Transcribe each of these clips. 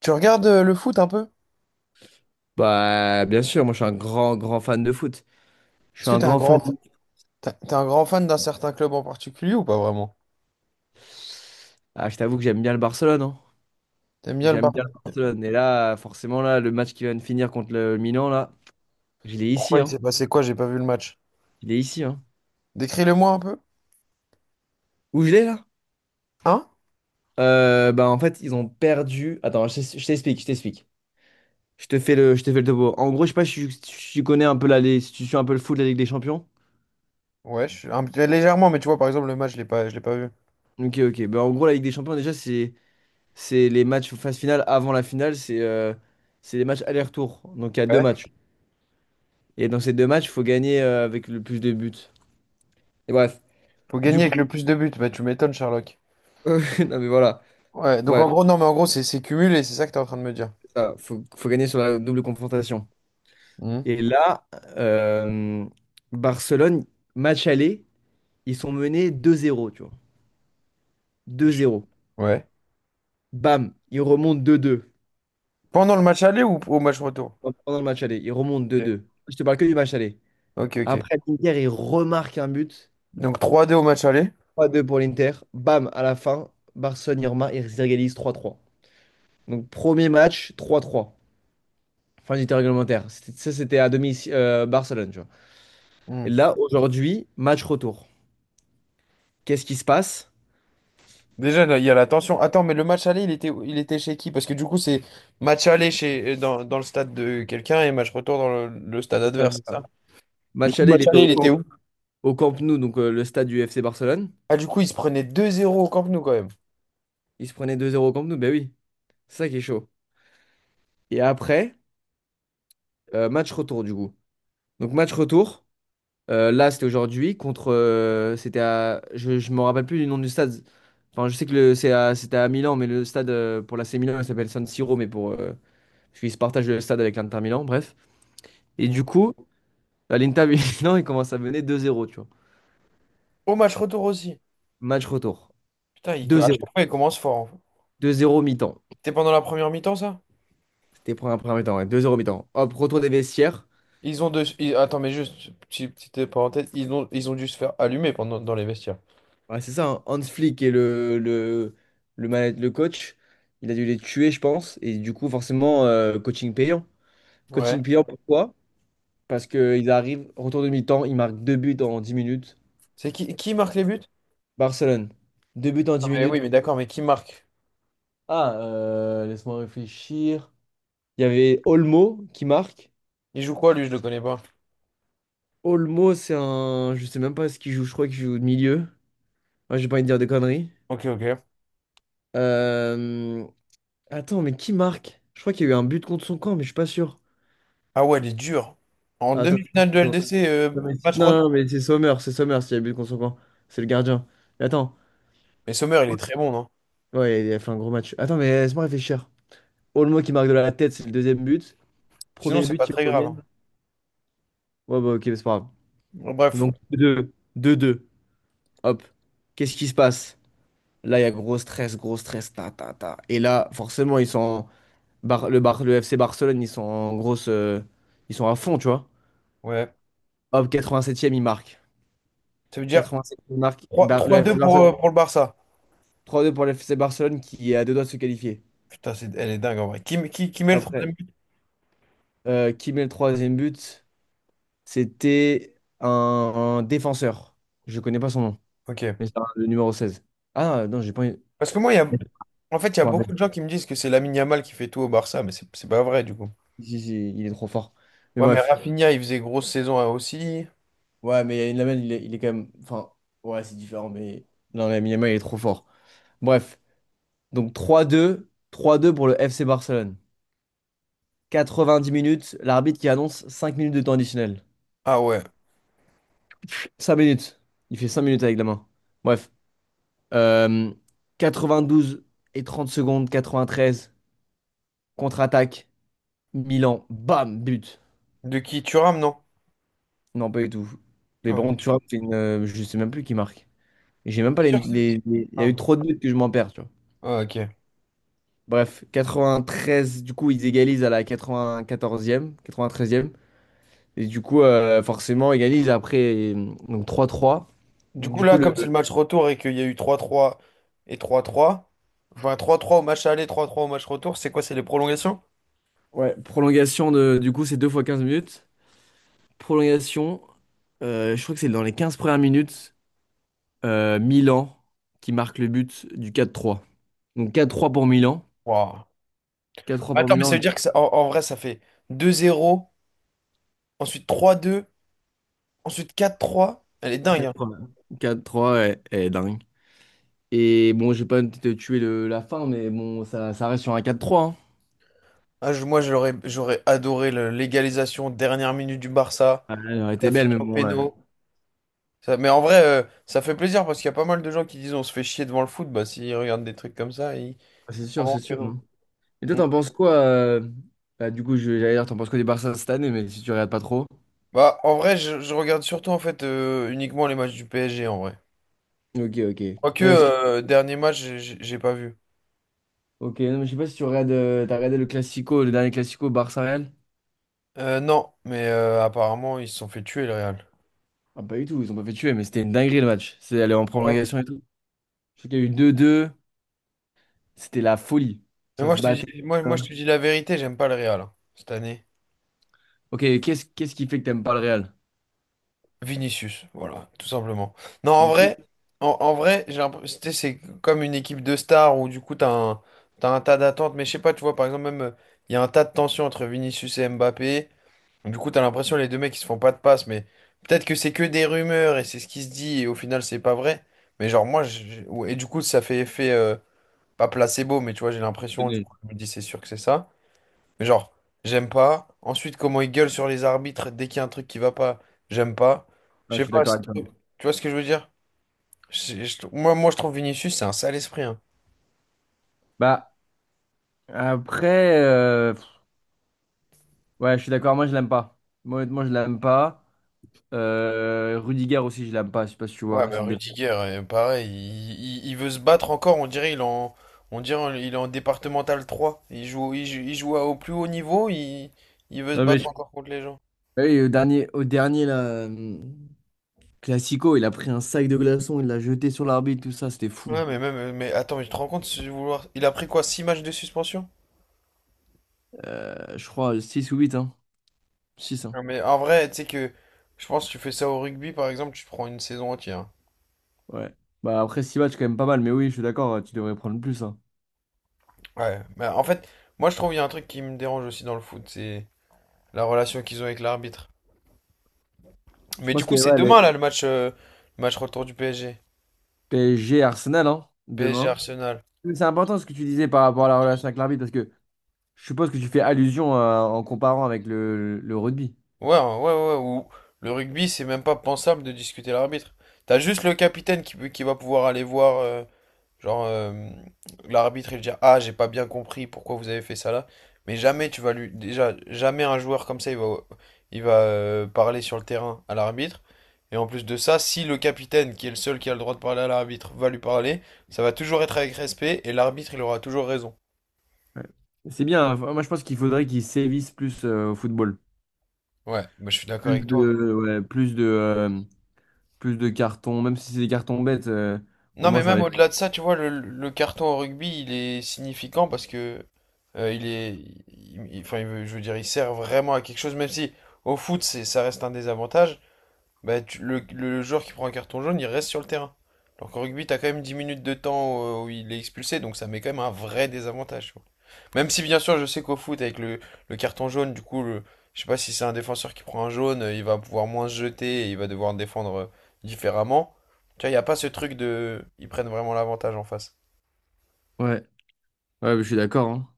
Tu regardes le foot un peu? Bah, bien sûr, moi je suis un grand, grand fan de foot. Je Est-ce suis que un t'es un grand fan. grand, t'es t'es un grand fan d'un certain club en particulier ou pas vraiment? Ah, je t'avoue que j'aime bien le Barcelone, hein. T'aimes bien le J'aime bien Barça? le Barcelone. Et là, forcément, là, le match qui vient de finir contre le Milan, là, je l'ai ici, Pourquoi il hein. s'est passé quoi? J'ai pas vu le match. Je l'ai ici, hein. Décris-le-moi un peu. Où je l'ai, là? Hein? Bah, en fait, ils ont perdu. Attends, je t'explique. Je te fais le topo. En gros, je sais pas si tu connais un peu si tu suis un peu le foot de la Ligue des Champions. Ouais, je suis légèrement, mais tu vois, par exemple, le match, je l'ai pas vu. Ok, ok. Bah, en gros, la Ligue des Champions, déjà, c'est les matchs phase finale avant la finale. C'est les matchs aller-retour. Donc, il y a deux Ouais. matchs. Et dans ces deux matchs, il faut gagner avec le plus de buts. Et bref, Faut du gagner avec coup, le plus de buts. Bah, tu m'étonnes, Sherlock. non mais voilà, Ouais, donc ouais, en gros, non, mais en gros, c'est cumulé, c'est ça que t'es en train de me dire. c'est ça. Faut gagner sur la double confrontation. Hmm. Et là, euh, Barcelone, match aller, ils sont menés 2-0, tu vois. 2-0. Ouais. Bam, ils remontent 2-2. Pendant le match aller ou au match retour? Pendant le match aller, ils remontent Ok, 2-2. Je te parle que du match aller. ok. Ok. Après, l'Inter, ils remarquent un but. Donc 3-2 au match aller. 3-2 pour l'Inter. Bam, à la fin, Barcelone, ils réalisent 3-3. Donc, premier match, 3-3. Fin du temps réglementaire. Ça, c'était à domicile, Barcelone, tu vois. Et Hmm. là, aujourd'hui, match retour. Qu'est-ce qui se passe? Déjà, là, il y a la tension. Attends, mais le match aller, il était chez qui? Parce que du coup, c'est match aller dans le stade de quelqu'un et match retour dans le stade C'est ça, adverse, c'est c'est ça. ça? Du Match coup, aller, il match était aller, il était où? au Camp Nou, donc le stade du FC Barcelone. Ah, du coup, il se prenait 2-0 au Camp Nou quand même. Il se prenait 2-0 au Camp Nou, ben oui. C'est ça qui est chaud. Et après, match retour, du coup. Donc, match retour, là, c'était aujourd'hui, contre. C'était à. Je me rappelle plus du nom du stade. Enfin, je sais que c'était à Milan, mais le stade pour l'AC Milan, il s'appelle San Siro, mais pour. Parce qu'ils se partagent le stade avec l'Inter Milan, bref. Et du Mhm. coup. À l'Inter Milan, il commence à mener 2-0, tu vois. Au match retour aussi. Match retour. Putain, il, à chaque 2-0. fois, il commence fort en fait. 2-0 mi-temps. C'était pendant la première mi-temps, ça? C'était pour un premier mi-temps, ouais. 2-0 mi-temps. Hop, retour des vestiaires. Ils ont deux... ils- Attends, mais juste, petite, petite parenthèse, ils ont dû se faire allumer dans les vestiaires. Ouais, c'est ça, hein. Hans Flick et le coach. Il a dû les tuer, je pense. Et du coup, forcément, coaching payant. Ouais. Coaching payant, pourquoi? Parce qu'ils arrivent, retour de mi-temps, ils marquent deux buts en 10 minutes. C'est qui marque les buts? Barcelone, deux buts en Ah, 10 mais oui, minutes. mais d'accord, mais qui marque? Ah, laisse-moi réfléchir. Il y avait Olmo qui marque. Il joue quoi, lui? Je le connais pas. Olmo, c'est un. Je sais même pas ce qu'il joue, je crois qu'il joue au milieu. Ouais, j'ai pas envie de dire des conneries. Ok, ok. Euh, Attends, mais qui marque? Je crois qu'il y a eu un but contre son camp, mais je suis pas sûr. Ah ouais, elle est dure. En Attends, attends, demi-finale de attends. LDC, Non, mais match retour. C'est Sommer, s'il y a eu but contre son camp. C'est le gardien. Mais attends. Mais Sommer, il est très bon, non? Ouais, il a fait un gros match. Attends, mais laisse-moi réfléchir. Olmo qui marque de la tête, c'est le deuxième but. Sinon, Premier c'est pas but, ils très grave, hein. reviennent. Ouais, bah ok, mais c'est pas grave. Bon, bref, Donc deux deux. Hop. Qu'est-ce qui se passe? Là, il y a gros stress, gros stress. Ta, ta, ta. Et là, forcément, ils sont. Le FC Barcelone, ils sont en grosse. Ils sont à fond, tu vois. ouais. Hop, 87e, ils marquent. Ça veut dire 87e, ils marquent. trois, Bar- trois, le FC deux pour, euh, Barcelone, pour le Barça. 3-2 pour le FC Barcelone qui est à deux doigts de se qualifier. Putain, elle est dingue en vrai. Qui met le Après, troisième but? Qui met le troisième but? C'était un défenseur. Je connais pas son nom, Ok. mais le numéro 16. Ah non, j'ai pas. Parce que moi, en fait, il y a Je me beaucoup rappelle. de gens qui me disent que c'est Lamine Yamal qui fait tout au Barça, mais c'est pas vrai, du coup. Si, si, il est trop fort. Mais Ouais, mais bref. Rafinha, il faisait grosse saison, hein, aussi. Ouais, mais Lamine, il est quand même. Enfin, ouais, c'est différent, mais. Non, Lamine Yamal, il est trop fort. Bref. Donc trois deux pour le FC Barcelone. 90 minutes, l'arbitre qui annonce 5 minutes de temps additionnel. Ah ouais. 5 minutes. Il fait 5 minutes avec la main. Bref. Euh, douze et 30 secondes, 93. Contre-attaque, Milan, bam, but. De qui? Thuram, non? Non, pas du tout. Mais Ah, ok. bon, tu vois, je sais même plus qui marque. Et J'ai même pas C'est les, sûr que c'est. Les- il y a Ah, eu trop de buts que je m'en perds, tu vois. ah, ok. Bref, 93. Du coup, ils égalisent à la 94e, 93e. Et du coup, forcément, égalise après, donc 3-3. Du Donc, coup, du coup, là, comme c'est le match retour et qu'il y a eu trois trois et trois trois, enfin trois trois au match aller, trois trois au match retour, c'est quoi? C'est les prolongations? ouais, prolongation de, du coup, c'est 2 fois 15 minutes. Prolongation, je crois que c'est dans les 15 premières minutes, Milan qui marque le but du 4-3. Donc, 4-3 pour Milan. Wow. 4-3 pour Attends, mais ça Milan. veut dire que en vrai, ça fait 2-0, ensuite 3-2, ensuite 4-3. Elle est dingue, Quatre hein. trois, quatre trois, ouais, ouais, dingue. Et bon, j'ai pas te tuer la fin, mais bon, ça reste sur un 4-3, hein. Ah, moi, j'aurais adoré l'égalisation, dernière minute du Barça. Ah, elle aurait Ça été belle, finit mais au bon, ouais. péno. Mais en vrai, ça fait plaisir parce qu'il y a pas mal de gens qui disent on se fait chier devant le foot. Bah, s'ils regardent des trucs comme ça, ils. Ah, c'est sûr, Oh, c'est que sûr. non. Hein. Et toi, t'en penses quoi bah, du coup, j'allais dire, t'en penses quoi du Barça cette année, mais si tu regardes pas trop. Bah, en vrai, je regarde surtout en fait uniquement les matchs du PSG en vrai. Ok, ok. Ouais, Quoique, est-ce que tu- dernier match, j'ai pas vu. Ok, non, mais je sais pas si tu regardes, t'as regardé le Classico, le dernier Classico Barça-Real? Non, mais apparemment, ils se sont fait tuer le Real. Ah, pas du tout, ils ont pas fait tuer, mais c'était une dinguerie le match. C'est allé en Ah ouais. prolongation et tout. Je sais qu'il y a eu 2-2, c'était la folie. Mais Ça moi, se je te battait. dis, moi, je Hein. te dis la vérité, j'aime pas le Real, hein, cette année. Ok, qu'est-ce qui fait que t'aimes pas le Real? Vinicius, voilà, tout simplement. Non, en Juste vrai, en vrai, j'ai l'impression, tu sais, c'est comme une équipe de stars où du coup, t'as un tas d'attentes. Mais je sais pas, tu vois, par exemple, même, il y a un tas de tensions entre Vinicius et Mbappé. Du coup, t'as l'impression les deux mecs ils se font pas de passe, mais peut-être que c'est que des rumeurs et c'est ce qui se dit et au final c'est pas vrai. Mais genre moi, ouais, et du coup ça fait effet pas placebo, mais tu vois j'ai le l'impression du nez. coup je me dis c'est sûr que c'est ça. Mais genre j'aime pas. Ensuite comment ils gueulent sur les arbitres dès qu'il y a un truc qui va pas, j'aime pas. Je Ouais, je sais suis pas. d'accord avec toi. Tu vois ce que je veux dire? Moi je trouve Vinicius c'est un sale esprit, hein. Bah, après, ouais, je suis d'accord, moi je l'aime pas. Moi, honnêtement, je l'aime pas. Rudiger aussi, je l'aime pas, je sais pas si tu Ouais, vois. bah C'est le défenseur. Rudiger, pareil, il veut se battre encore, on dirait il est en départemental 3. Il joue au plus haut niveau, il veut se Non, mais battre je- encore contre les gens. Ah oui, au dernier là, euh, Classico, il a pris un sac de glaçons, il l'a jeté sur l'arbitre, tout ça, c'était fou. Ouais, mais même, mais attends, mais tu te rends compte, si vouloir... il a pris quoi, 6 matchs de suspension? Je crois 6 ou 8, hein. Six. Hein. Non, mais en vrai, tu sais je pense que tu fais ça au rugby, par exemple, tu te prends une saison entière. Ouais. Bah après 6 matchs, quand même pas mal, mais oui, je suis d'accord, tu devrais prendre plus. Hein. Ouais, mais en fait, moi je trouve il y a un truc qui me dérange aussi dans le foot, c'est la relation qu'ils ont avec l'arbitre. Je Mais du pense que coup, c'est ouais, les demain là le match retour du PSG. PSG Arsenal, hein, PSG demain. Arsenal. Mais c'est important ce que tu disais par rapport à la relation avec l'arbitre, parce que je suppose que tu fais allusion en comparant avec le rugby. Ouais, ouais, ouais, ouais. Ou le rugby, c'est même pas pensable de discuter l'arbitre. T'as juste le capitaine qui va pouvoir aller voir, genre, l'arbitre et lui dire, Ah, j'ai pas bien compris pourquoi vous avez fait ça là. Mais jamais tu vas lui. Déjà, jamais un joueur comme ça, il va parler sur le terrain à l'arbitre. Et en plus de ça, si le capitaine, qui est le seul qui a le droit de parler à l'arbitre, va lui parler, ça va toujours être avec respect et l'arbitre, il aura toujours raison. Ouais. C'est bien, hein. Moi je pense qu'il faudrait qu'ils sévissent plus au football. Ouais, moi je suis d'accord Plus avec toi. de, ouais, plus de cartons, même si c'est des cartons bêtes, au Non, moins mais ça même va. au-delà de ça, tu vois, le carton au rugby, il est significant parce que il est, il- enfin, je veux dire, il sert vraiment à quelque chose, même si au foot, ça reste un désavantage. Bah, le joueur qui prend un carton jaune, il reste sur le terrain. Alors qu'en rugby, t'as quand même 10 minutes de temps où il est expulsé, donc ça met quand même un vrai désavantage, tu vois. Même si, bien sûr, je sais qu'au foot, avec le carton jaune, du coup, je sais pas si c'est un défenseur qui prend un jaune, il va pouvoir moins se jeter et il va devoir défendre différemment. Tu vois, il n'y a pas ce truc de. Ils prennent vraiment l'avantage en face. Ouais, ouais, je suis d'accord. Hein.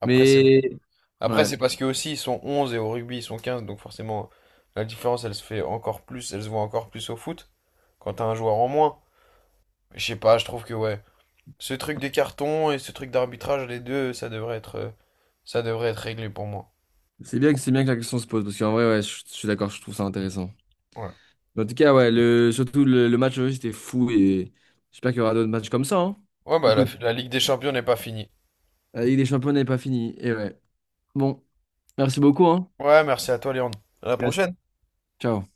Après, c'est Mais après, ouais, c'est parce que aussi ils sont 11 et au rugby, ils sont 15 donc forcément, la différence, elle se fait encore plus, elle se voit encore plus au foot quand t'as un joueur en moins. Je sais pas, je trouve que ouais. Ce truc des cartons et ce truc d'arbitrage, les deux, ça devrait être réglé pour moi. C'est bien que la question se pose parce qu'en vrai, ouais, je suis d'accord, je trouve ça intéressant. Ouais. En tout cas, ouais, le match aujourd'hui, c'était fou et j'espère qu'il y aura d'autres matchs comme ça. Hein. Ouais, bah la, Écoute, la Ligue des Champions n'est pas finie. la Ligue des Champions n'est pas finie. Et ouais. Bon, merci beaucoup, hein. Ouais, merci à toi, Léon. À la Reste. prochaine. Ciao.